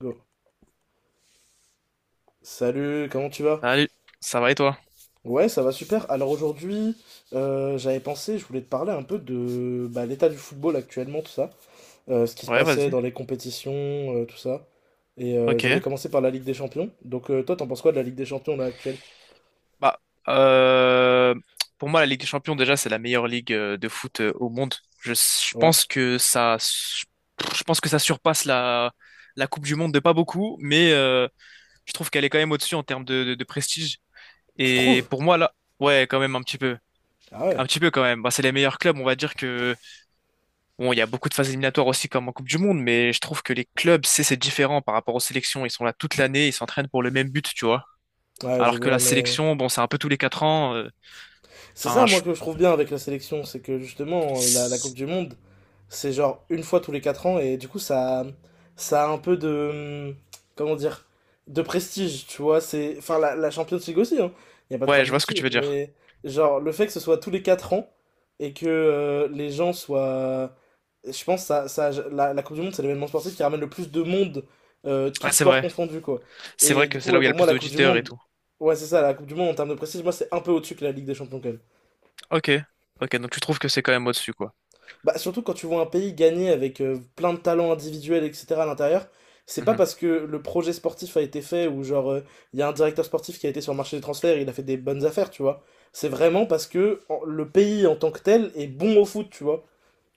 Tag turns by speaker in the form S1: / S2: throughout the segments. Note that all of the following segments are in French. S1: Go. Salut, comment tu vas?
S2: Salut, ça va et toi?
S1: Ouais, ça va super. Alors aujourd'hui, j'avais pensé, je voulais te parler un peu de l'état du football actuellement, tout ça. Ce qui se
S2: Ouais,
S1: passait
S2: vas-y.
S1: dans les compétitions, tout ça. Et
S2: Ok.
S1: je voulais commencer par la Ligue des Champions. Donc toi, t'en penses quoi de la Ligue des Champions là actuelle?
S2: Bah, euh, pour moi, la Ligue des Champions, déjà, c'est la meilleure ligue de foot au monde.
S1: Ouais.
S2: Je pense que ça surpasse la Coupe du Monde de pas beaucoup, mais je trouve qu'elle est quand même au-dessus en termes de prestige.
S1: Tu
S2: Et
S1: trouves?
S2: pour moi, là, ouais, quand même
S1: Ah
S2: un
S1: ouais.
S2: petit peu quand même. Bah, c'est les meilleurs clubs. On va dire que bon, il y a beaucoup de phases éliminatoires aussi comme en Coupe du Monde, mais je trouve que les clubs, c'est différent par rapport aux sélections. Ils sont là toute l'année, ils s'entraînent pour le même but, tu vois.
S1: Ouais, je
S2: Alors que
S1: vois,
S2: la
S1: mais
S2: sélection, bon, c'est un peu tous les 4 ans.
S1: c'est ça,
S2: Enfin,
S1: moi, que je trouve bien avec la sélection, c'est que justement, la Coupe
S2: c'est-
S1: du Monde, c'est genre une fois tous les 4 ans, et du coup, ça a un peu de. Comment dire de prestige, tu vois. C'est, enfin, la Champions League aussi, hein. Il n'y a pas de
S2: ouais, je
S1: problème
S2: vois ce que
S1: là-dessus.
S2: tu veux dire.
S1: Mais genre, le fait que ce soit tous les 4 ans, et que les gens soient. Je pense que la Coupe du Monde, c'est l'événement sportif qui ramène le plus de monde, tout
S2: Ah, c'est
S1: sport
S2: vrai.
S1: confondu, quoi.
S2: C'est vrai
S1: Et du
S2: que c'est
S1: coup,
S2: là où
S1: ouais,
S2: il y a
S1: pour
S2: le
S1: moi,
S2: plus
S1: la Coupe du
S2: d'auditeurs et
S1: Monde,
S2: tout.
S1: ouais, c'est ça, la Coupe du Monde en termes de prestige, moi, c'est un peu au-dessus que la Ligue des Champions, quand même.
S2: Ok, ok. Donc tu trouves que c'est quand même au-dessus, quoi.
S1: Bah, surtout quand tu vois un pays gagner avec plein de talents individuels, etc. à l'intérieur, c'est pas
S2: Mhm.
S1: parce que le projet sportif a été fait ou genre il y a un directeur sportif qui a été sur le marché des transferts et il a fait des bonnes affaires, tu vois. C'est vraiment parce que le pays en tant que tel est bon au foot, tu vois.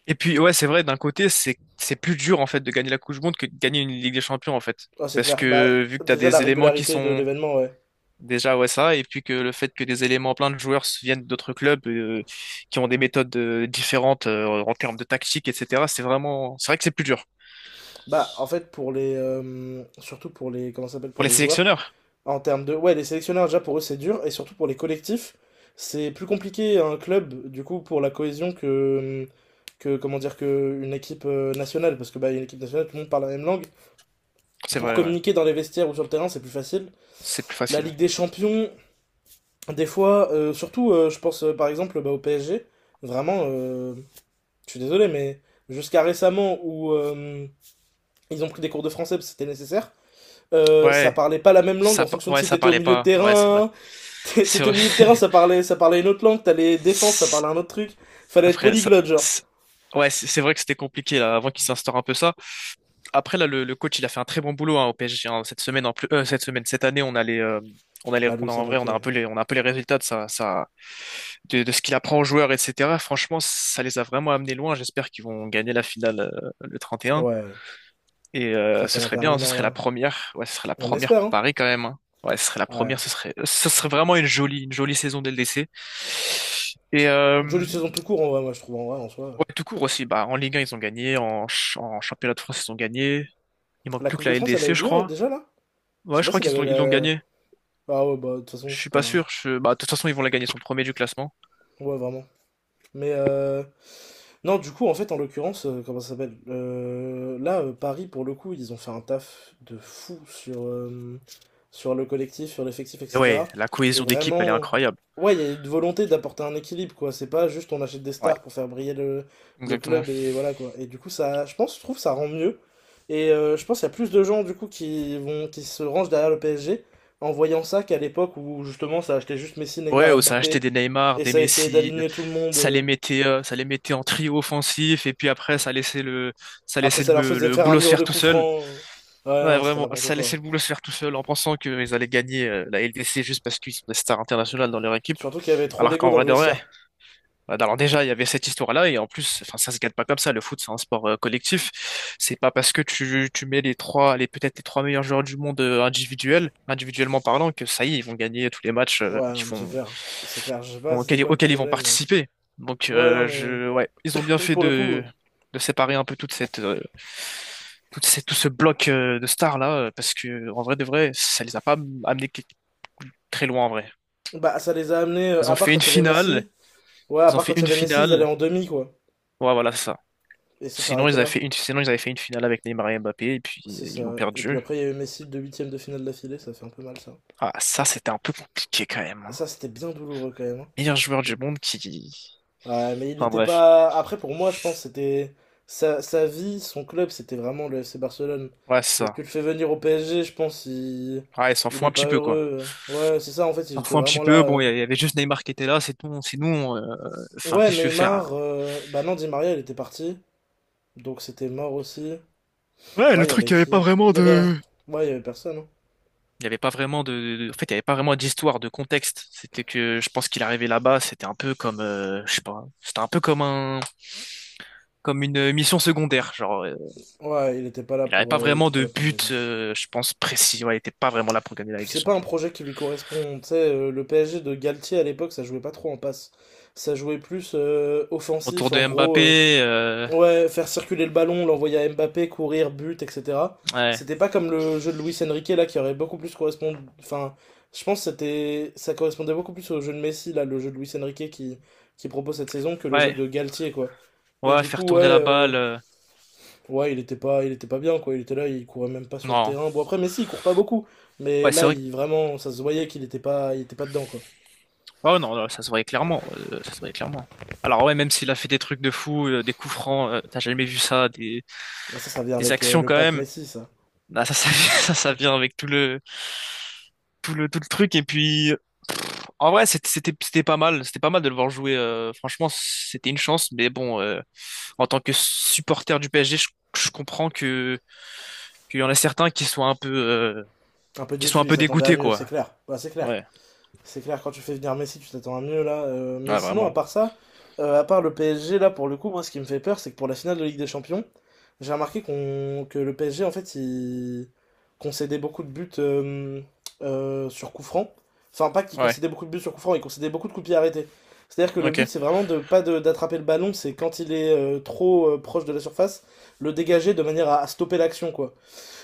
S2: Et puis ouais, c'est vrai. D'un côté, c'est plus dur en fait de gagner la Coupe du Monde que de gagner une Ligue des Champions en fait,
S1: Ah, c'est
S2: parce
S1: clair. Bah,
S2: que vu que t'as
S1: déjà la
S2: des éléments qui
S1: régularité de
S2: sont
S1: l'événement, ouais.
S2: déjà ouais ça, et puis que le fait que des éléments plein de joueurs se viennent d'autres clubs qui ont des méthodes différentes en termes de tactique, etc. C'est vraiment, c'est vrai que c'est plus dur
S1: Bah, en fait, pour les. Surtout pour les. Comment ça s'appelle?
S2: pour
S1: Pour
S2: les
S1: les joueurs.
S2: sélectionneurs.
S1: En termes de... Ouais, les sélectionneurs, déjà, pour eux, c'est dur. Et surtout pour les collectifs, c'est plus compliqué un club, du coup, pour la cohésion que comment dire, que une équipe nationale. Parce que, bah, une équipe nationale, tout le monde parle la même langue.
S2: C'est
S1: Pour
S2: vrai, ouais.
S1: communiquer dans les vestiaires ou sur le terrain, c'est plus facile.
S2: C'est plus
S1: La
S2: facile.
S1: Ligue des Champions, des fois, surtout, je pense, par exemple, bah, au PSG, vraiment, je suis désolé, mais jusqu'à récemment, où ils ont pris des cours de français parce que c'était nécessaire, ça
S2: Ouais,
S1: parlait pas la même langue en fonction de
S2: ouais,
S1: si
S2: ça
S1: t'étais au
S2: parlait
S1: milieu de
S2: pas. Ouais, c'est vrai.
S1: terrain. T'é-
S2: C'est
S1: T'étais au
S2: vrai.
S1: milieu de terrain, ça parlait une autre langue, t'allais défense, ça
S2: C'est-
S1: parlait un autre truc. Fallait être
S2: Après, ça,
S1: polyglotte, genre.
S2: c'est- ouais, c'est vrai que c'était compliqué là, avant qu'il s'instaure un peu ça. Après là, le coach, il a fait un très bon boulot, hein, au PSG, hein. Cette semaine, en plus, cette semaine, Cette année, on a
S1: Ah, Luis Enrique.
S2: on a un peu les résultats de de ce qu'il apprend aux joueurs, etc. Franchement, ça les a vraiment amenés loin. J'espère qu'ils vont gagner la finale le 31.
S1: Ouais,
S2: Et
S1: face à
S2: ce serait
S1: l'Inter
S2: bien, ce
S1: Milan,
S2: serait la
S1: là.
S2: première. Ouais, ce serait la
S1: On
S2: première
S1: espère,
S2: pour
S1: hein.
S2: Paris quand même, hein. Ouais, ce serait la
S1: Ouais.
S2: première. Ce serait vraiment une jolie saison dès le DC. Et
S1: Une jolie saison tout court, en vrai, moi, je trouve, en vrai, en soi.
S2: ouais, tout court aussi. Bah, en Ligue 1, ils ont gagné. En championnat de France, ils ont gagné. Il manque
S1: La
S2: plus
S1: Coupe
S2: que
S1: de
S2: la
S1: France, elle a
S2: LDC,
S1: eu
S2: je
S1: lieu,
S2: crois.
S1: déjà, là? Je
S2: Ouais,
S1: sais
S2: je
S1: pas
S2: crois
S1: si
S2: ils l'ont gagné.
S1: Ah ouais, bah, de toute façon,
S2: Je suis
S1: c'est
S2: pas
S1: pas...
S2: sûr. Bah, de toute façon, ils vont la gagner. Ils sont premiers du classement.
S1: Ouais, vraiment. Mais non, du coup, en fait, en l'occurrence, comment ça s'appelle? Là, Paris, pour le coup, ils ont fait un taf de fou sur, sur le collectif, sur l'effectif,
S2: Mais
S1: etc.
S2: ouais, la
S1: Et
S2: cohésion d'équipe, elle est
S1: vraiment,
S2: incroyable.
S1: ouais, il y a une volonté d'apporter un équilibre, quoi. C'est pas juste on achète des
S2: Ouais,
S1: stars pour faire briller le
S2: exactement.
S1: club et voilà, quoi. Et du coup, ça, je pense, je trouve, ça rend mieux. Et je pense qu'il y a plus de gens, du coup, qui se rangent derrière le PSG en voyant ça qu'à l'époque où, justement, ça achetait juste Messi,
S2: Ouais,
S1: Neymar,
S2: où ça achetait
S1: Mbappé
S2: des Neymar,
S1: et
S2: des
S1: ça essayait
S2: Messi,
S1: d'aligner tout le monde.
S2: ça les mettait, euh, ça les mettait en trio offensif, et puis après, ça laissait le, ça
S1: Après,
S2: laissait
S1: ça leur
S2: le,
S1: faisait
S2: le
S1: faire un
S2: boulot se
S1: mur de
S2: faire tout
S1: coups
S2: seul.
S1: francs. Ouais,
S2: Ouais,
S1: non, c'était
S2: vraiment,
S1: n'importe
S2: ça
S1: quoi.
S2: laissait le boulot se faire tout seul en pensant qu'ils allaient gagner la LDC juste parce qu'ils sont des stars internationales dans leur équipe.
S1: Surtout qu'il y avait trop
S2: Alors
S1: d'ego
S2: qu'en
S1: dans
S2: vrai
S1: le
S2: de vrai,
S1: vestiaire.
S2: bah, alors déjà, il y avait cette histoire-là, et en plus, enfin, ça se gagne pas comme ça. Le foot, c'est un sport collectif. C'est pas parce que tu mets les trois, les peut-être les trois meilleurs joueurs du monde individuels, individuellement parlant, que ça y est, ils vont gagner tous les matchs
S1: Ouais,
S2: qu'ils
S1: non, mais c'est
S2: font
S1: clair. C'est clair, je sais pas
S2: vont-
S1: c'était
S2: auxquels,
S1: quoi le
S2: auxquels ils vont
S1: projet, mais.
S2: participer. Donc,
S1: Ouais, non, mais.
S2: ouais, ils ont bien fait
S1: Pour le coup,
S2: de séparer un peu tout ce bloc de stars là, parce que en vrai de vrai, ça les a pas très loin en vrai.
S1: bah, ça les a amenés,
S2: Ils
S1: à
S2: ont
S1: part
S2: fait
S1: quand
S2: une
S1: il y avait
S2: finale,
S1: Messi. Ouais, à
S2: ils ont
S1: part
S2: fait
S1: quand il y
S2: une
S1: avait Messi, ils allaient
S2: finale.
S1: en demi, quoi.
S2: Ouais, voilà, c'est ça.
S1: Et ça
S2: Sinon,
S1: s'arrêtait là.
S2: ils avaient fait une finale avec Neymar et Mbappé, et puis
S1: C'est
S2: ils l'ont
S1: ça. Et puis
S2: perdu.
S1: après, il y avait Messi de huitième de finale d'affilée, ça fait un peu mal, ça.
S2: Ah, ça, c'était un peu compliqué quand même, hein.
S1: Ça, c'était bien douloureux quand même, hein.
S2: Meilleur joueur du monde qui,
S1: Ouais, mais il
S2: enfin
S1: n'était
S2: bref,
S1: pas. Après, pour moi, je pense que c'était sa vie, son club, c'était vraiment le FC Barcelone.
S2: ouais, c'est
S1: Donc, tu
S2: ça.
S1: le fais venir au PSG, je pense il
S2: Ouais, ils s'en
S1: il
S2: foutent
S1: est
S2: un petit
S1: pas
S2: peu, quoi,
S1: heureux. Ouais, c'est ça, en fait, il était
S2: parfois un petit
S1: vraiment là.
S2: peu. Bon, il y avait juste Neymar qui était là, c'est tout, sinon, enfin,
S1: Ouais,
S2: qu'est-ce que tu veux faire, hein?
S1: Neymar, bah non, Di Maria, il était parti. Donc, c'était mort aussi.
S2: Ouais,
S1: Ouais,
S2: le
S1: il y
S2: truc,
S1: avait
S2: il n'y avait pas
S1: qui?
S2: vraiment
S1: Il y avait.
S2: de...
S1: Ouais, il y avait personne, hein.
S2: Il n'y avait pas vraiment de, en fait, il y avait pas vraiment d'histoire, de contexte. C'était que, je pense qu'il arrivait là-bas, c'était un peu comme, je sais pas, c'était un peu comme comme une mission secondaire. Genre,
S1: Ouais, il était pas là
S2: il n'avait
S1: pour,
S2: pas
S1: il
S2: vraiment
S1: était pas
S2: de
S1: là pour gagner.
S2: but, je pense, précis. Ouais, il était pas vraiment là pour gagner la
S1: Puis,
S2: Ligue des
S1: c'est pas un
S2: Champions.
S1: projet qui lui correspond. Tu sais, le PSG de Galtier à l'époque, ça jouait pas trop en passe. Ça jouait plus
S2: Autour
S1: offensif, en
S2: de
S1: gros.
S2: Mbappé,
S1: Ouais, faire circuler le ballon, l'envoyer à Mbappé, courir, but, etc.
S2: ouais,
S1: C'était pas comme le jeu de Luis Enrique là qui aurait beaucoup plus correspondu. Enfin, je pense que c'était ça correspondait beaucoup plus au jeu de Messi là, le jeu de Luis Enrique qui propose cette saison que le jeu
S2: ouais,
S1: de Galtier quoi. Et
S2: ouais,
S1: du
S2: faire
S1: coup ouais
S2: tourner la balle,
S1: ouais il était pas bien quoi. Il était là, il courait même pas sur le
S2: non.
S1: terrain. Bon après Messi il court pas beaucoup, mais
S2: Ouais, c'est
S1: là
S2: vrai.
S1: il vraiment ça se voyait qu'il était pas dedans quoi.
S2: Oh non, non, ça se voyait clairement, ça se voyait clairement. Alors ouais, même s'il a fait des trucs de fou, des coups francs, t'as jamais vu ça, des,
S1: Ah, ça ça vient
S2: des
S1: avec
S2: actions
S1: le
S2: quand
S1: pack
S2: même.
S1: Messi ça.
S2: Ah, ça vient avec tout le, tout le truc. Et puis, en vrai, c'était pas mal, c'était pas mal de le voir jouer. Franchement, c'était une chance. Mais bon, en tant que supporter du PSG, je comprends que qu'il y en a certains qui soient
S1: Un peu
S2: qui soient
S1: déçu,
S2: un
S1: il
S2: peu
S1: s'attendait à
S2: dégoûtés,
S1: mieux,
S2: quoi.
S1: c'est clair. Bah, c'est clair.
S2: Ouais,
S1: C'est clair, quand tu fais venir Messi, tu t'attends à mieux là. Mais
S2: ouais,
S1: sinon, à
S2: vraiment.
S1: part ça, à part le PSG, là, pour le coup, moi, ce qui me fait peur, c'est que pour la finale de Ligue des Champions, j'ai remarqué qu'on que le PSG, en fait, il concédait beaucoup de buts sur coup franc. Enfin, pas qu'il
S2: Ouais,
S1: concédait beaucoup de buts sur coup franc, il concédait beaucoup de coups pieds arrêtés. C'est-à-dire que le but,
S2: ok.
S1: c'est vraiment de pas d'attraper le ballon, c'est quand il est trop proche de la surface, le dégager de manière à stopper l'action, quoi.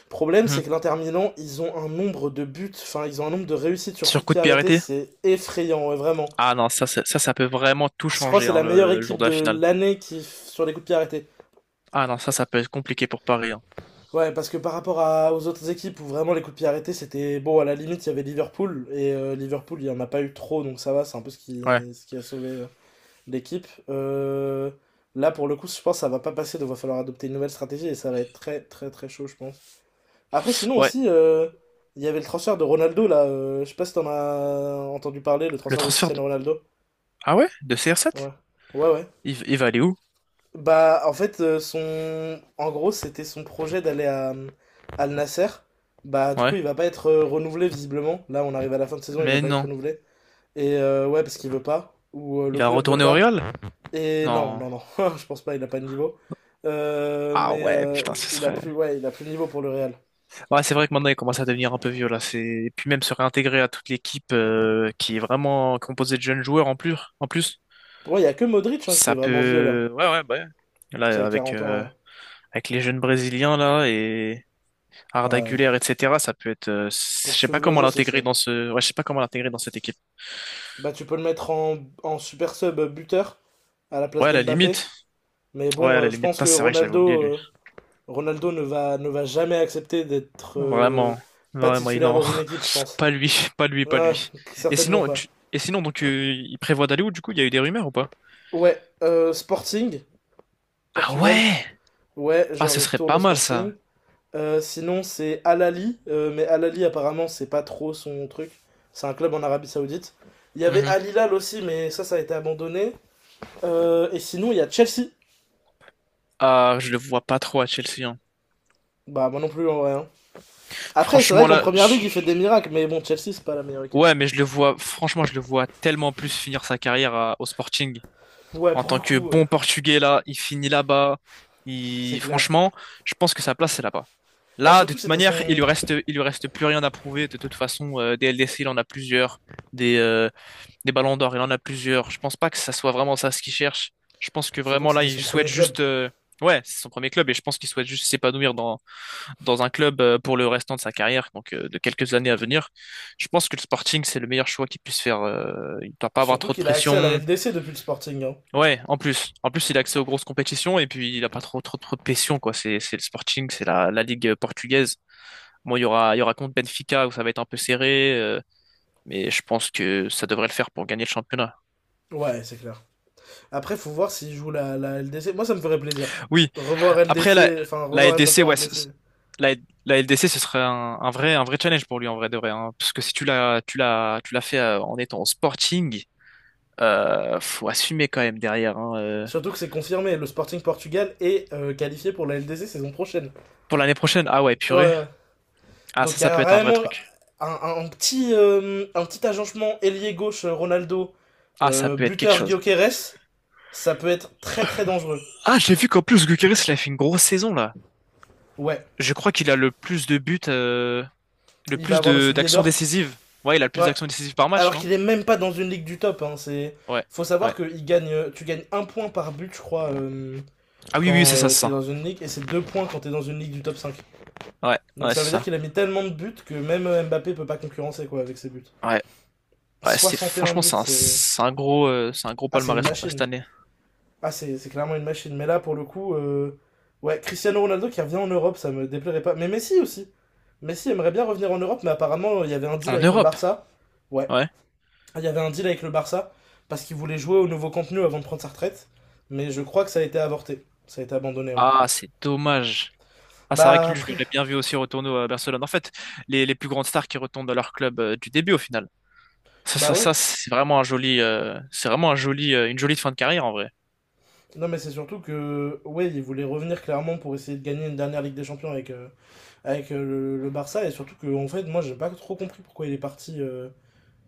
S1: Le problème, c'est
S2: Mhm.
S1: que l'Inter Milan, ils ont un nombre de buts, enfin, ils ont un nombre de réussites sur coup
S2: Sur
S1: de
S2: coup
S1: pied
S2: de pied
S1: arrêté,
S2: arrêté?
S1: c'est effrayant, ouais, vraiment.
S2: Ah non, ça peut vraiment tout
S1: Je crois que
S2: changer,
S1: c'est
S2: hein,
S1: la meilleure
S2: le jour
S1: équipe
S2: de
S1: de
S2: la finale.
S1: l'année qui sur les coups de pied arrêtés.
S2: Ah non, ça peut être compliqué pour Paris, hein.
S1: Ouais, parce que par rapport à, aux autres équipes où vraiment les coups de pied arrêtés, c'était bon, à la limite, il y avait Liverpool, et Liverpool, il n'y en a pas eu trop, donc ça va, c'est un peu
S2: Ouais,
S1: ce qui a sauvé l'équipe. Là, pour le coup, je pense que ça va pas passer, donc il va falloir adopter une nouvelle stratégie, et ça va être très, très, très chaud, je pense. Après, sinon
S2: ouais.
S1: aussi, il y avait le transfert de Ronaldo là. Je sais pas si t'en as entendu parler, le
S2: Le
S1: transfert de
S2: transfert de...
S1: Cristiano Ronaldo.
S2: Ah ouais? De
S1: Ouais,
S2: CR7?
S1: ouais, ouais.
S2: Il va aller où?
S1: Bah, en fait, en gros, c'était son projet d'aller à Al Nasser. Bah, du coup,
S2: Ouais.
S1: il va pas être renouvelé visiblement. Là, on arrive à la fin de saison, il va
S2: Mais
S1: pas être
S2: non.
S1: renouvelé. Et ouais, parce qu'il veut pas, ou
S2: Il
S1: le
S2: va
S1: club veut
S2: retourner au
S1: pas.
S2: Real?
S1: Et non,
S2: Non.
S1: non, non, je pense pas, il a pas de niveau. Euh,
S2: Ah
S1: mais
S2: ouais,
S1: euh,
S2: putain, ce
S1: il a
S2: serait...
S1: plus, ouais, il a plus de niveau pour le Real.
S2: Ouais, c'est vrai que maintenant, il commence à devenir un peu vieux, là. C'est... Et puis même se réintégrer à toute l'équipe qui est vraiment composée de jeunes joueurs en plus. En plus,
S1: Ouais, il y a que Modric hein, qui est
S2: ça
S1: vraiment vieux là,
S2: peut... Ouais, ouais, bah ouais.
S1: qui a
S2: Là, avec,
S1: 40 ans,
S2: euh,
S1: hein.
S2: avec les jeunes Brésiliens, là, et... Arda
S1: Ouais,
S2: Güler, etc. Ça peut être,
S1: pour
S2: je sais pas
S1: suivre le
S2: comment
S1: jeu, c'est
S2: l'intégrer
S1: chaud.
S2: dans ce, ouais, je sais pas comment l'intégrer dans cette équipe.
S1: Bah, tu peux le mettre en, en super sub buteur à la place
S2: Ouais, à la
S1: d'Mbappé.
S2: limite.
S1: Mais
S2: Ouais,
S1: bon,
S2: à la
S1: je
S2: limite.
S1: pense
S2: Putain,
S1: que
S2: c'est vrai que je l'avais oublié, lui.
S1: Ronaldo ne va, ne va jamais accepter d'être
S2: Vraiment,
S1: pas
S2: vraiment,
S1: titulaire
S2: non,
S1: dans une équipe, je pense.
S2: pas lui, pas lui, pas
S1: Ouais,
S2: lui.
S1: certainement pas.
S2: Et sinon, donc, il prévoit d'aller où du coup? Il y a eu des rumeurs ou pas?
S1: Ouais, Sporting,
S2: Ah
S1: Portugal.
S2: ouais!
S1: Ouais,
S2: Ah,
S1: genre
S2: ce
S1: il
S2: serait
S1: retourne
S2: pas
S1: au
S2: mal, ça.
S1: Sporting. Sinon, c'est Al Ahly, mais Al Ahly apparemment, c'est pas trop son truc. C'est un club en Arabie Saoudite. Il y avait
S2: Mhm.
S1: Al Hilal aussi, mais ça a été abandonné. Et sinon, il y a Chelsea.
S2: Ah, je le vois pas trop à Chelsea, hein.
S1: Bah, moi non plus en vrai, hein. Après, c'est vrai
S2: Franchement
S1: qu'en
S2: là,
S1: première ligue, il fait des miracles, mais bon, Chelsea, c'est pas la meilleure équipe.
S2: ouais, mais je le vois, franchement, je le vois tellement plus finir sa carrière au Sporting.
S1: Ouais,
S2: En
S1: pour
S2: tant
S1: le
S2: que
S1: coup,
S2: bon Portugais, là, il finit là-bas.
S1: c'est
S2: Il...
S1: clair.
S2: Franchement, je pense que sa place, c'est là-bas.
S1: Bah,
S2: Là, de
S1: surtout,
S2: toute
S1: c'était
S2: manière, il
S1: son...
S2: lui reste, il lui reste plus rien à prouver. De toute façon, des LDC, il en a plusieurs. Des, euh, des Ballons d'Or, il en a plusieurs. Je pense pas que ça soit vraiment ça ce qu'il cherche. Je pense que
S1: surtout que
S2: vraiment, là,
S1: c'était
S2: il
S1: son
S2: souhaite
S1: premier club.
S2: juste... Ouais, c'est son premier club et je pense qu'il souhaite juste s'épanouir dans un club pour le restant de sa carrière, donc de quelques années à venir. Je pense que le Sporting, c'est le meilleur choix qu'il puisse faire. Il ne doit pas avoir
S1: Surtout
S2: trop de
S1: qu'il a accès à la
S2: pression.
S1: LDC depuis le Sporting, hein.
S2: Ouais, en plus. En plus, il a accès aux grosses compétitions et puis il a pas trop trop, trop de pression, quoi. C'est le Sporting, c'est la Ligue portugaise. Moi, il y aura contre Benfica où ça va être un peu serré, mais je pense que ça devrait le faire pour gagner le championnat.
S1: Ouais, c'est clair. Après, faut voir s'il joue la LDC. Moi, ça me ferait plaisir.
S2: Oui.
S1: De revoir
S2: Après, la,
S1: LDC, enfin,
S2: la
S1: revoir Mbappé
S2: LDC,
S1: en
S2: ouais, c-
S1: LDC.
S2: c- la, la LDC, ce serait un vrai challenge pour lui, en vrai de vrai, hein. Parce que si tu l'as fait en étant au Sporting, faut assumer quand même derrière, hein,
S1: Surtout que c'est confirmé, le Sporting Portugal est qualifié pour la LDC saison prochaine.
S2: Pour l'année prochaine, ah ouais,
S1: Ouais,
S2: purée.
S1: ouais.
S2: Ah,
S1: Donc
S2: ça,
S1: il y
S2: ça peut
S1: a
S2: être un vrai
S1: vraiment
S2: truc.
S1: un, un petit agencement ailier gauche Ronaldo,
S2: Ah, ça peut être quelque
S1: buteur
S2: chose.
S1: Gyökeres, ça peut être très très dangereux.
S2: Ah, j'ai vu qu'en plus Gyökeres, il a fait une grosse saison là.
S1: Ouais,
S2: Je crois qu'il a le plus de buts, le
S1: il va
S2: plus
S1: avoir le
S2: de
S1: soulier
S2: d'actions
S1: d'or.
S2: décisives. Ouais, il a le plus
S1: Ouais,
S2: d'actions décisives par match,
S1: alors
S2: non?
S1: qu'il est même pas dans une ligue du top. Hein, c'est
S2: Ouais,
S1: faut savoir
S2: ouais.
S1: que il gagne, tu gagnes un point par but, je crois,
S2: Ah oui, oui, oui,
S1: quand
S2: c'est ça, c'est
S1: t'es
S2: ça.
S1: dans une ligue, et c'est deux points quand t'es dans une ligue du top 5.
S2: Ouais,
S1: Donc
S2: ouais,
S1: ça
S2: c'est
S1: veut dire
S2: ça.
S1: qu'il a mis tellement de buts que même Mbappé peut pas concurrencer quoi avec ses buts.
S2: Ouais, ouais. C'est
S1: 61
S2: franchement,
S1: buts, c'est
S2: c'est un gros
S1: ah, c'est une
S2: palmarès, hein, cette
S1: machine.
S2: année.
S1: Ah, c'est clairement une machine. Mais là, pour le coup, ouais, Cristiano Ronaldo qui revient en Europe, ça me déplairait pas. Mais Messi aussi. Messi aimerait bien revenir en Europe, mais apparemment, il y avait un deal
S2: En
S1: avec le
S2: Europe,
S1: Barça. Ouais,
S2: ouais.
S1: il y avait un deal avec le Barça parce qu'il voulait jouer au nouveau contenu avant de prendre sa retraite. Mais je crois que ça a été avorté. Ça a été abandonné, ouais.
S2: Ah, c'est dommage. Ah, c'est vrai
S1: Bah,
S2: que lui, je
S1: après,
S2: l'aurais bien vu aussi retourner à Barcelone. En fait, les plus grandes stars qui retournent dans leur club du début au final. Ça,
S1: bah
S2: ça, ça,
S1: ouais.
S2: c'est vraiment un joli, c'est vraiment un joli, une jolie fin de carrière en vrai.
S1: Non, mais c'est surtout que, ouais, il voulait revenir clairement pour essayer de gagner une dernière Ligue des Champions avec, le Barça. Et surtout que, en fait, moi, j'ai pas trop compris pourquoi il est parti,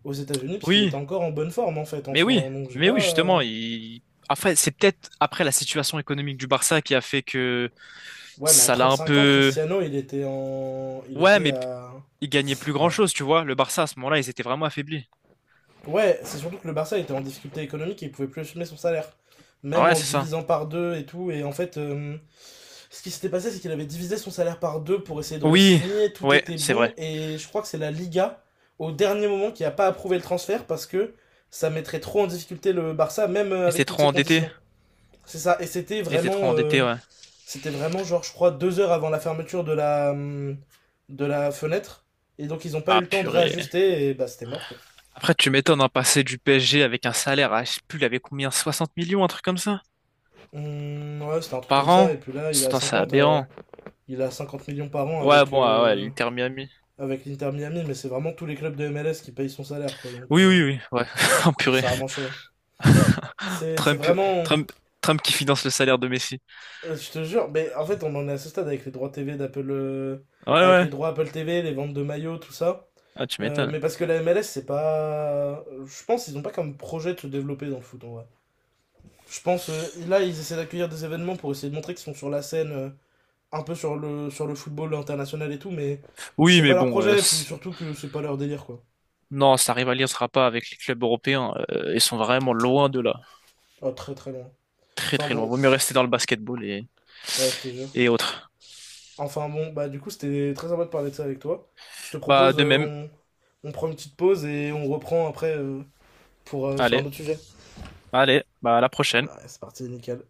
S1: aux États-Unis, parce qu'il était
S2: Oui,
S1: encore en bonne forme en fait en
S2: mais
S1: soi,
S2: oui,
S1: hein. Donc j'ai
S2: mais oui,
S1: pas.
S2: justement. Il... Après, c'est peut-être après la situation économique du Barça qui a fait que
S1: Ouais, mais à
S2: ça l'a un
S1: 35 ans,
S2: peu.
S1: Cristiano, il était en. Il
S2: Ouais,
S1: était
S2: mais
S1: à.
S2: il gagnait plus
S1: Ouais.
S2: grand-chose, tu vois. Le Barça à ce moment-là, ils étaient vraiment affaiblis.
S1: Ouais, c'est surtout que le Barça était en difficulté économique et il pouvait plus assumer son salaire. Même
S2: Ouais,
S1: en le
S2: c'est ça.
S1: divisant par deux et tout. Et en fait, ce qui s'était passé, c'est qu'il avait divisé son salaire par deux pour essayer de
S2: Oui,
S1: re-signer. Tout
S2: ouais,
S1: était
S2: c'est
S1: bon.
S2: vrai.
S1: Et je crois que c'est la Liga, au dernier moment, qui a pas approuvé le transfert parce que ça mettrait trop en difficulté le Barça, même
S2: Et
S1: avec
S2: c'est
S1: toutes
S2: trop
S1: ces
S2: endetté.
S1: conditions. C'est ça. Et c'était
S2: Et c'est trop
S1: vraiment.
S2: endetté, ouais.
S1: C'était vraiment genre, je crois, 2 heures avant la fermeture de la fenêtre. Et donc ils ont pas eu
S2: Ah
S1: le temps de
S2: purée.
S1: réajuster et bah c'était mort quoi.
S2: Après, tu m'étonnes, hein, passer du PSG avec un salaire à, je sais plus, il avait combien, 60 millions, un truc comme ça,
S1: Ouais, c'était un truc comme
S2: par
S1: ça.
S2: an.
S1: Et puis là,
S2: Putain, c'est aberrant.
S1: il a 50 millions par an
S2: Ouais,
S1: avec,
S2: bon, ah ouais, l'Inter Miami.
S1: l'Inter Miami, mais c'est vraiment tous les clubs de MLS qui payent son salaire quoi. Donc
S2: Oui, oui, oui, ouais. Oh, purée.
S1: c'est vraiment chaud. C'est
S2: Trump,
S1: vraiment.
S2: Trump, Trump qui finance le salaire de Messi.
S1: Je te jure, mais en fait, on en est à ce stade avec les droits TV d'Apple.
S2: Ouais,
S1: Avec
S2: ouais.
S1: les droits Apple TV, les ventes de maillots, tout ça.
S2: Ah, tu m'étonnes.
S1: Mais parce que la MLS, c'est pas. Je pense qu'ils n'ont pas comme projet de se développer dans le foot en vrai. Je pense, là, ils essaient d'accueillir des événements pour essayer de montrer qu'ils sont sur la scène, un peu sur le football international et tout, mais je
S2: Oui,
S1: sais
S2: mais
S1: pas leur
S2: bon,
S1: projet, et puis surtout que c'est pas leur délire quoi.
S2: non, ça rivalisera pas avec les clubs européens. Ils sont vraiment loin de là.
S1: Oh, très très loin.
S2: Très,
S1: Enfin
S2: très loin.
S1: bon,
S2: Vaut mieux rester dans le basketball et,
S1: ouais, je te jure.
S2: et autres.
S1: Enfin bon, bah du coup, c'était très sympa de parler de ça avec toi. Je te
S2: Bah,
S1: propose,
S2: de même.
S1: on prend une petite pause et on reprend après pour, sur
S2: Allez,
S1: un autre sujet.
S2: allez, bah, à la prochaine.
S1: Ouais, c'est parti, nickel.